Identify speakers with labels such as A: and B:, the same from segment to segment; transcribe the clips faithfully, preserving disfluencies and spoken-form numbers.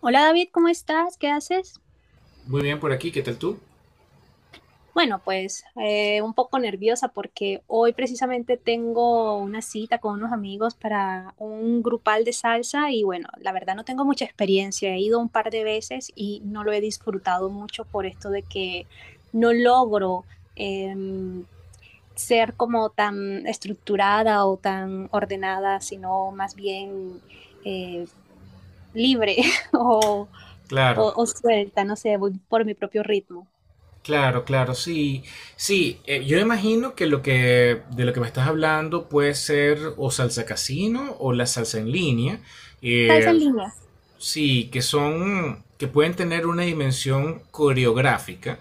A: Hola David, ¿cómo estás? ¿Qué haces?
B: Muy bien por aquí, ¿qué tal tú?
A: Bueno, pues eh, un poco nerviosa porque hoy precisamente tengo una cita con unos amigos para un grupal de salsa y bueno, la verdad no tengo mucha experiencia, he ido un par de veces y no lo he disfrutado mucho por esto de que no logro em, ser como tan estructurada o tan ordenada, sino más bien eh, libre o,
B: Claro,
A: o o suelta, no sé, voy por mi propio ritmo.
B: claro, claro, sí. Sí, eh, yo imagino que lo que de lo que me estás hablando puede ser o salsa casino o la salsa en línea.
A: Salsa en
B: eh,
A: línea.
B: sí, que son que pueden tener una dimensión coreográfica.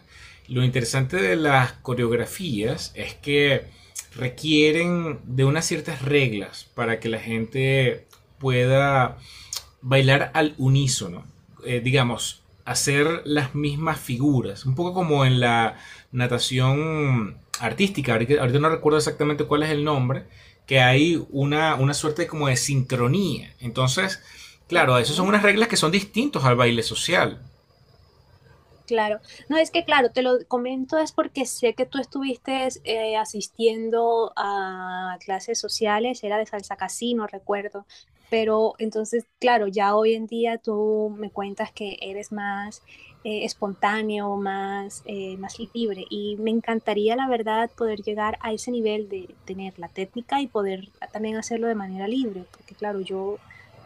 B: Lo interesante de las coreografías es que requieren de unas ciertas reglas para que la gente pueda bailar al unísono, eh, digamos, hacer las mismas figuras, un poco como en la natación artística, ahorita, ahorita no recuerdo exactamente cuál es el nombre, que hay una, una suerte como de sincronía. Entonces, claro,
A: Ok,
B: esas son unas reglas que son distintas al baile social.
A: claro. No, es que claro, te lo comento es porque sé que tú estuviste eh, asistiendo a clases sociales, era de salsa casino, recuerdo. Pero entonces, claro, ya hoy en día tú me cuentas que eres más eh, espontáneo, más, eh, más libre. Y me encantaría, la verdad, poder llegar a ese nivel de tener la técnica y poder también hacerlo de manera libre. Porque, claro, yo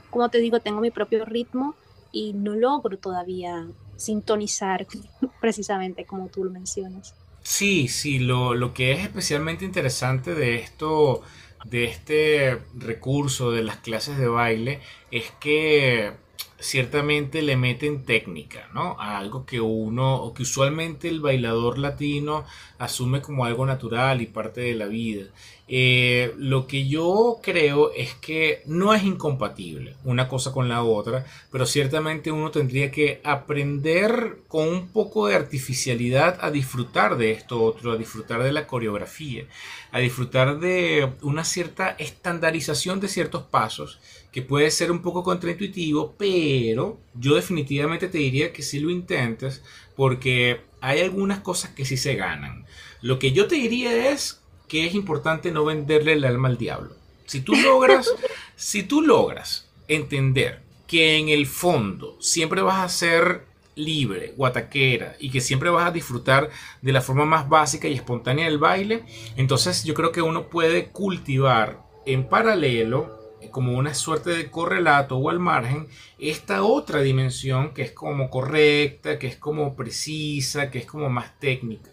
A: como te digo, tengo mi propio ritmo y no logro todavía sintonizar precisamente como tú lo mencionas.
B: Sí, sí, lo, lo que es especialmente interesante de esto, de este recurso de las clases de baile, es que ciertamente le meten técnica, ¿no? A algo que uno, o que usualmente el bailador latino asume como algo natural y parte de la vida. Eh, lo que yo creo es que no es incompatible una cosa con la otra, pero ciertamente uno tendría que aprender con un poco de artificialidad a disfrutar de esto otro, a disfrutar de la coreografía, a disfrutar de una cierta estandarización de ciertos pasos, que puede ser un poco contraintuitivo, pero yo definitivamente te diría que si lo intentes, porque hay algunas cosas que sí se ganan. Lo que yo te diría es que es importante no venderle el alma al diablo. Si tú logras si tú logras entender que en el fondo siempre vas a ser libre, guataquera, y que siempre vas a disfrutar de la forma más básica y espontánea del baile, entonces yo creo que uno puede cultivar en paralelo como una suerte de correlato o al margen esta otra dimensión que es como correcta, que es como precisa, que es como más técnica.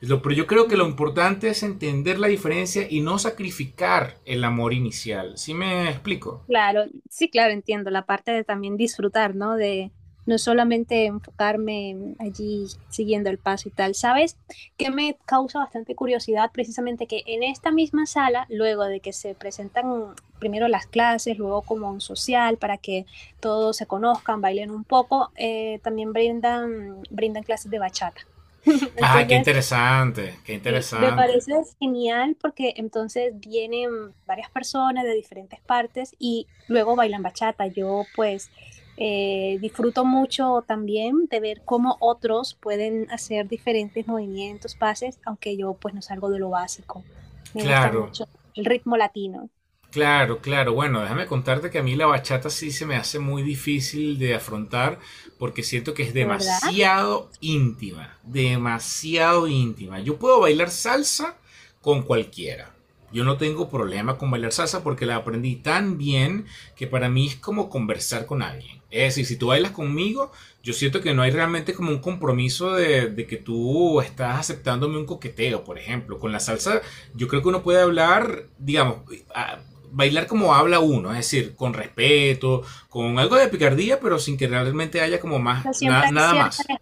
B: Pero yo creo que lo
A: No.
B: importante es entender la diferencia y no sacrificar el amor inicial. ¿Sí me explico?
A: Claro, sí, claro, entiendo la parte de también disfrutar, ¿no? De no solamente enfocarme allí siguiendo el paso y tal. ¿Sabes? Que me causa bastante curiosidad precisamente que en esta misma sala, luego de que se presentan primero las clases, luego como un social para que todos se conozcan, bailen un poco, eh, también brindan, brindan clases de bachata.
B: Ah, qué
A: Entonces,
B: interesante, qué
A: sí, me
B: interesante.
A: parece genial porque entonces vienen varias personas de diferentes partes y luego bailan bachata. Yo pues eh, disfruto mucho también de ver cómo otros pueden hacer diferentes movimientos, pases, aunque yo pues no salgo de lo básico. Me gusta
B: Claro.
A: mucho el ritmo latino,
B: Claro, claro. Bueno, déjame contarte que a mí la bachata sí se me hace muy difícil de afrontar porque siento que es
A: de verdad.
B: demasiado íntima, demasiado íntima. Yo puedo bailar salsa con cualquiera. Yo no tengo problema con bailar salsa porque la aprendí tan bien que para mí es como conversar con alguien. Es decir, si tú bailas conmigo, yo siento que no hay realmente como un compromiso de, de que tú estás aceptándome un coqueteo, por ejemplo. Con la salsa yo creo que uno puede hablar, digamos, a- bailar como habla uno, es decir, con respeto, con algo de picardía, pero sin que realmente haya como más,
A: Sea,
B: na-
A: siempre hay
B: nada
A: cierta,
B: más.
A: leja-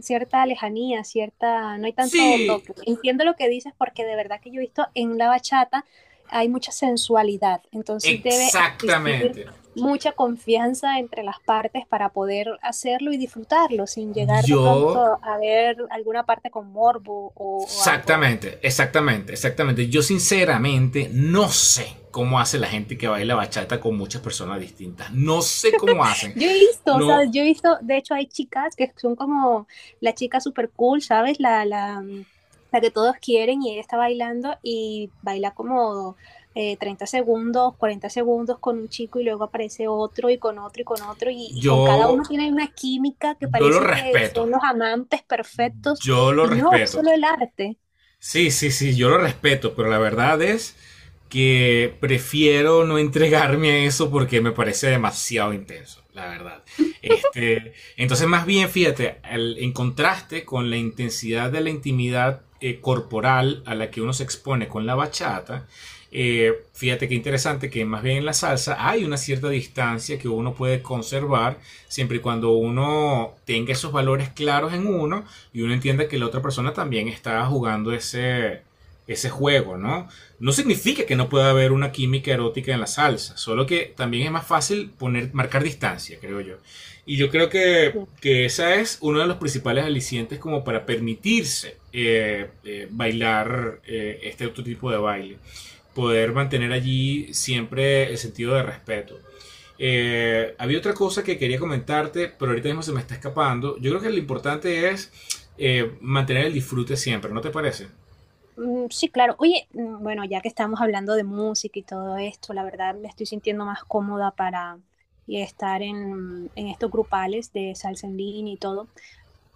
A: cierta lejanía, cierta, no hay tanto
B: Sí,
A: toque. Entiendo lo que dices porque de verdad que yo he visto en la bachata hay mucha sensualidad, entonces debe existir
B: exactamente.
A: mucha confianza entre las partes para poder hacerlo y disfrutarlo sin llegar de
B: Yo,
A: pronto a ver alguna parte con morbo o, o algo.
B: exactamente, exactamente, exactamente. Yo sinceramente no sé cómo hace la gente que baila bachata con muchas personas distintas. No sé cómo hacen.
A: Yo he visto,
B: No,
A: ¿sabes? Yo he visto, de hecho hay chicas que son como la chica super cool, ¿sabes? La, la, mm, la que todos quieren y ella está bailando y baila como eh, treinta segundos, cuarenta segundos con un chico y luego aparece otro y con otro y con otro y, y con cada uno
B: yo,
A: tiene una química que
B: yo lo
A: parece que
B: respeto.
A: son los amantes perfectos
B: Yo lo
A: y no, es
B: respeto.
A: solo el arte.
B: Sí, sí, sí, yo lo respeto, pero la verdad es que prefiero no entregarme a eso porque me parece demasiado intenso, la verdad. Este, entonces, más bien, fíjate, al- en contraste con la intensidad de la intimidad eh, corporal a la que uno se expone con la bachata, eh, fíjate qué interesante que más bien en la salsa hay una cierta distancia que uno puede conservar siempre y cuando uno tenga esos valores claros en uno y uno entienda que la otra persona también está jugando ese, ese juego, ¿no? No significa que no pueda haber una química erótica en la salsa, solo que también es más fácil poner, marcar distancia, creo yo. Y yo creo que, que esa es uno de los principales alicientes como para permitirse eh, eh, bailar eh, este otro tipo de baile. Poder mantener allí siempre el sentido de respeto. Eh, había otra cosa que quería comentarte, pero ahorita mismo se me está escapando. Yo creo que lo importante es eh, mantener el disfrute siempre, ¿no te parece?
A: Mm, sí, claro. Oye, mm, bueno, ya que estamos hablando de música y todo esto, la verdad me estoy sintiendo más cómoda para y estar en, en estos grupales de salsa en línea y todo,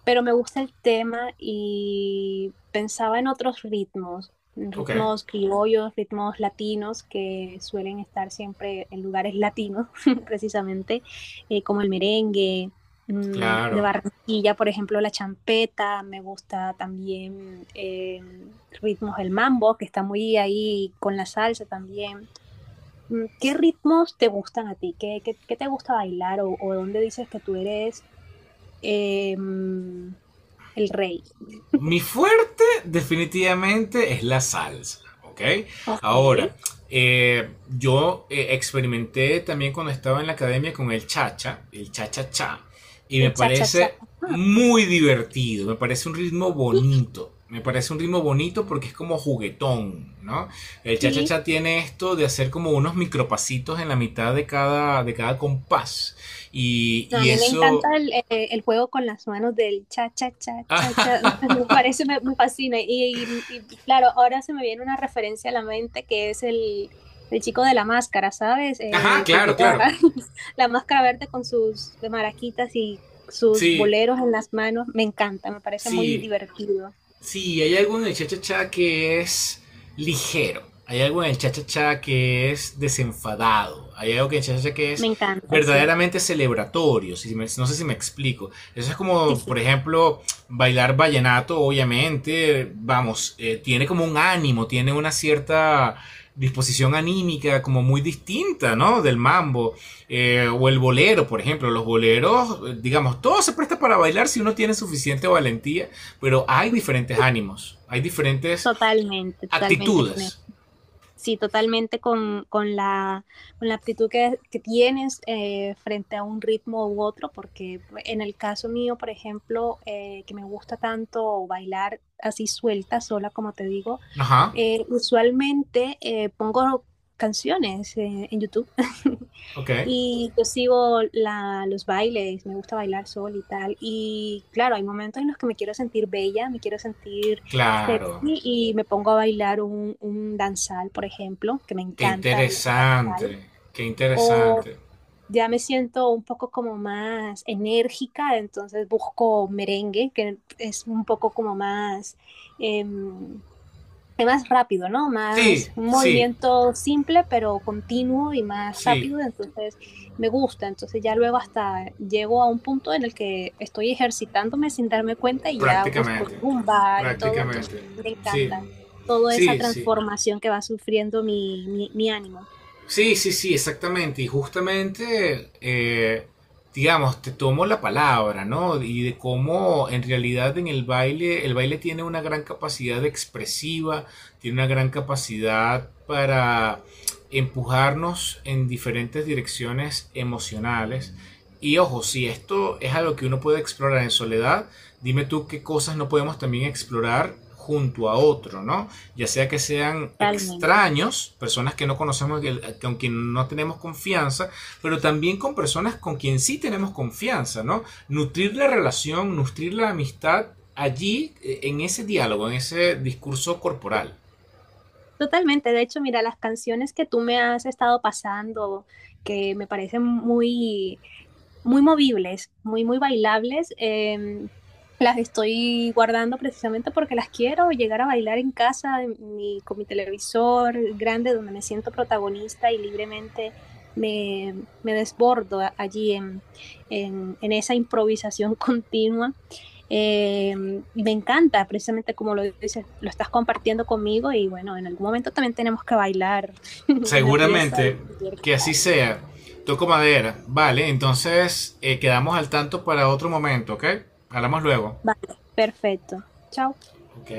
A: pero me gusta el tema y pensaba en otros ritmos, en
B: Ok,
A: ritmos criollos, ritmos latinos que suelen estar siempre en lugares latinos, precisamente, eh, como el merengue, mm, de
B: claro.
A: Barranquilla, por ejemplo, la champeta, me gusta también eh, ritmos del mambo, que está muy ahí con la salsa también. Mm, ¿qué ritmos te gustan a ti? ¿Qué, qué- qué te gusta bailar o, o dónde dices que tú eres eh, el rey.
B: Mi fuerte definitivamente es la salsa, ¿ok?
A: Ok,
B: Ahora, eh, yo eh, experimenté también cuando estaba en la academia con el cha cha, el cha-cha-cha, y me
A: el cha-cha-cha.
B: parece
A: Ah,
B: muy divertido, me parece un ritmo bonito. Me parece un ritmo bonito porque es como juguetón, ¿no? El
A: sí,
B: cha-cha-cha tiene esto de hacer como unos micropasitos en la mitad de cada, de cada compás. Y,
A: no, a
B: y
A: mí me
B: eso...
A: encanta el, eh, el juego con las manos del cha-cha-cha-cha-cha. Me parece, me, me fascina. Y, y- y, claro, ahora se me viene una referencia a la mente que es el, el chico de la máscara, ¿sabes?
B: Ajá,
A: Eh, que
B: claro,
A: lleva
B: claro.
A: la máscara verde con sus maraquitas y sus
B: Sí,
A: boleros en las manos. Me encanta, me parece muy
B: sí,
A: divertido.
B: sí, hay algo en el cha-cha-cha que es ligero. Hay algo en el cha-cha-cha que es desenfadado. Hay algo que en el cha-cha-cha que
A: Me
B: es
A: encanta, sí.
B: verdaderamente celebratorio. Si me- no sé si me explico. Eso es
A: Sí,
B: como,
A: sí,
B: por ejemplo, bailar vallenato, obviamente, vamos, eh, tiene como un ánimo, tiene una cierta disposición anímica como muy distinta, ¿no? Del mambo. Eh, o el bolero, por ejemplo, los boleros, digamos, todo se presta para bailar si uno tiene suficiente valentía, pero hay diferentes ánimos, hay diferentes
A: totalmente, totalmente con
B: actitudes.
A: sí, totalmente con, con, la, con la aptitud que, que tienes eh, frente a un ritmo u otro, porque en el caso mío, por ejemplo, eh, que me gusta tanto bailar así suelta, sola, como te digo,
B: Ajá,
A: eh, usualmente eh, pongo canciones eh, en YouTube.
B: ok,
A: Y yo sigo la, los bailes, me gusta bailar sol y tal. Y claro, hay momentos en los que me quiero sentir bella, me quiero sentir sexy
B: claro,
A: y me pongo a bailar un, un danzal, por ejemplo, que me
B: qué
A: encanta el danzal.
B: interesante, qué
A: O
B: interesante.
A: ya me siento un poco como más enérgica, entonces busco merengue, que es un poco como más... em, es más rápido, ¿no?
B: Sí,
A: Más un
B: sí,
A: movimiento simple, pero continuo y más
B: sí,
A: rápido, entonces me gusta, entonces ya luego hasta llego a un punto en el que estoy ejercitándome sin darme cuenta y ya busco
B: prácticamente,
A: zumba y todo, entonces
B: prácticamente,
A: me
B: sí,
A: encanta toda esa
B: sí, sí.
A: transformación que va sufriendo mi, mi, mi ánimo,
B: Sí, sí, sí, exactamente. Y justamente, eh, digamos, te tomo la palabra, ¿no? Y de cómo en realidad en el baile, el baile tiene una gran capacidad expresiva, tiene una gran capacidad para empujarnos en diferentes direcciones emocionales. Y ojo, si esto es algo que uno puede explorar en soledad, dime tú qué cosas no podemos también explorar junto a otro, ¿no? Ya sea que sean
A: totalmente.
B: extraños, personas que no conocemos, con quien no tenemos confianza, pero también con personas con quien sí tenemos confianza, ¿no? Nutrir la relación, nutrir la amistad allí, eh, en ese diálogo, en ese discurso corporal.
A: Totalmente, de hecho, mira, las canciones que tú me has estado pasando, que me parecen muy muy movibles, muy, muy bailables. Em, las estoy guardando precisamente porque las quiero llegar a bailar en casa, en mi- con mi televisor grande, donde me siento protagonista y libremente me, me desbordo a- allí en, en- en esa improvisación continua. Eh, y me encanta, precisamente como lo dices, lo estás compartiendo conmigo y bueno, en algún momento también tenemos que bailar una pieza
B: Seguramente
A: y, y ver qué
B: que así
A: tal.
B: sea. Toco madera. Vale, entonces eh, quedamos al tanto para otro momento, ¿ok? Hablamos luego.
A: Vale, perfecto. Chao.
B: Ok.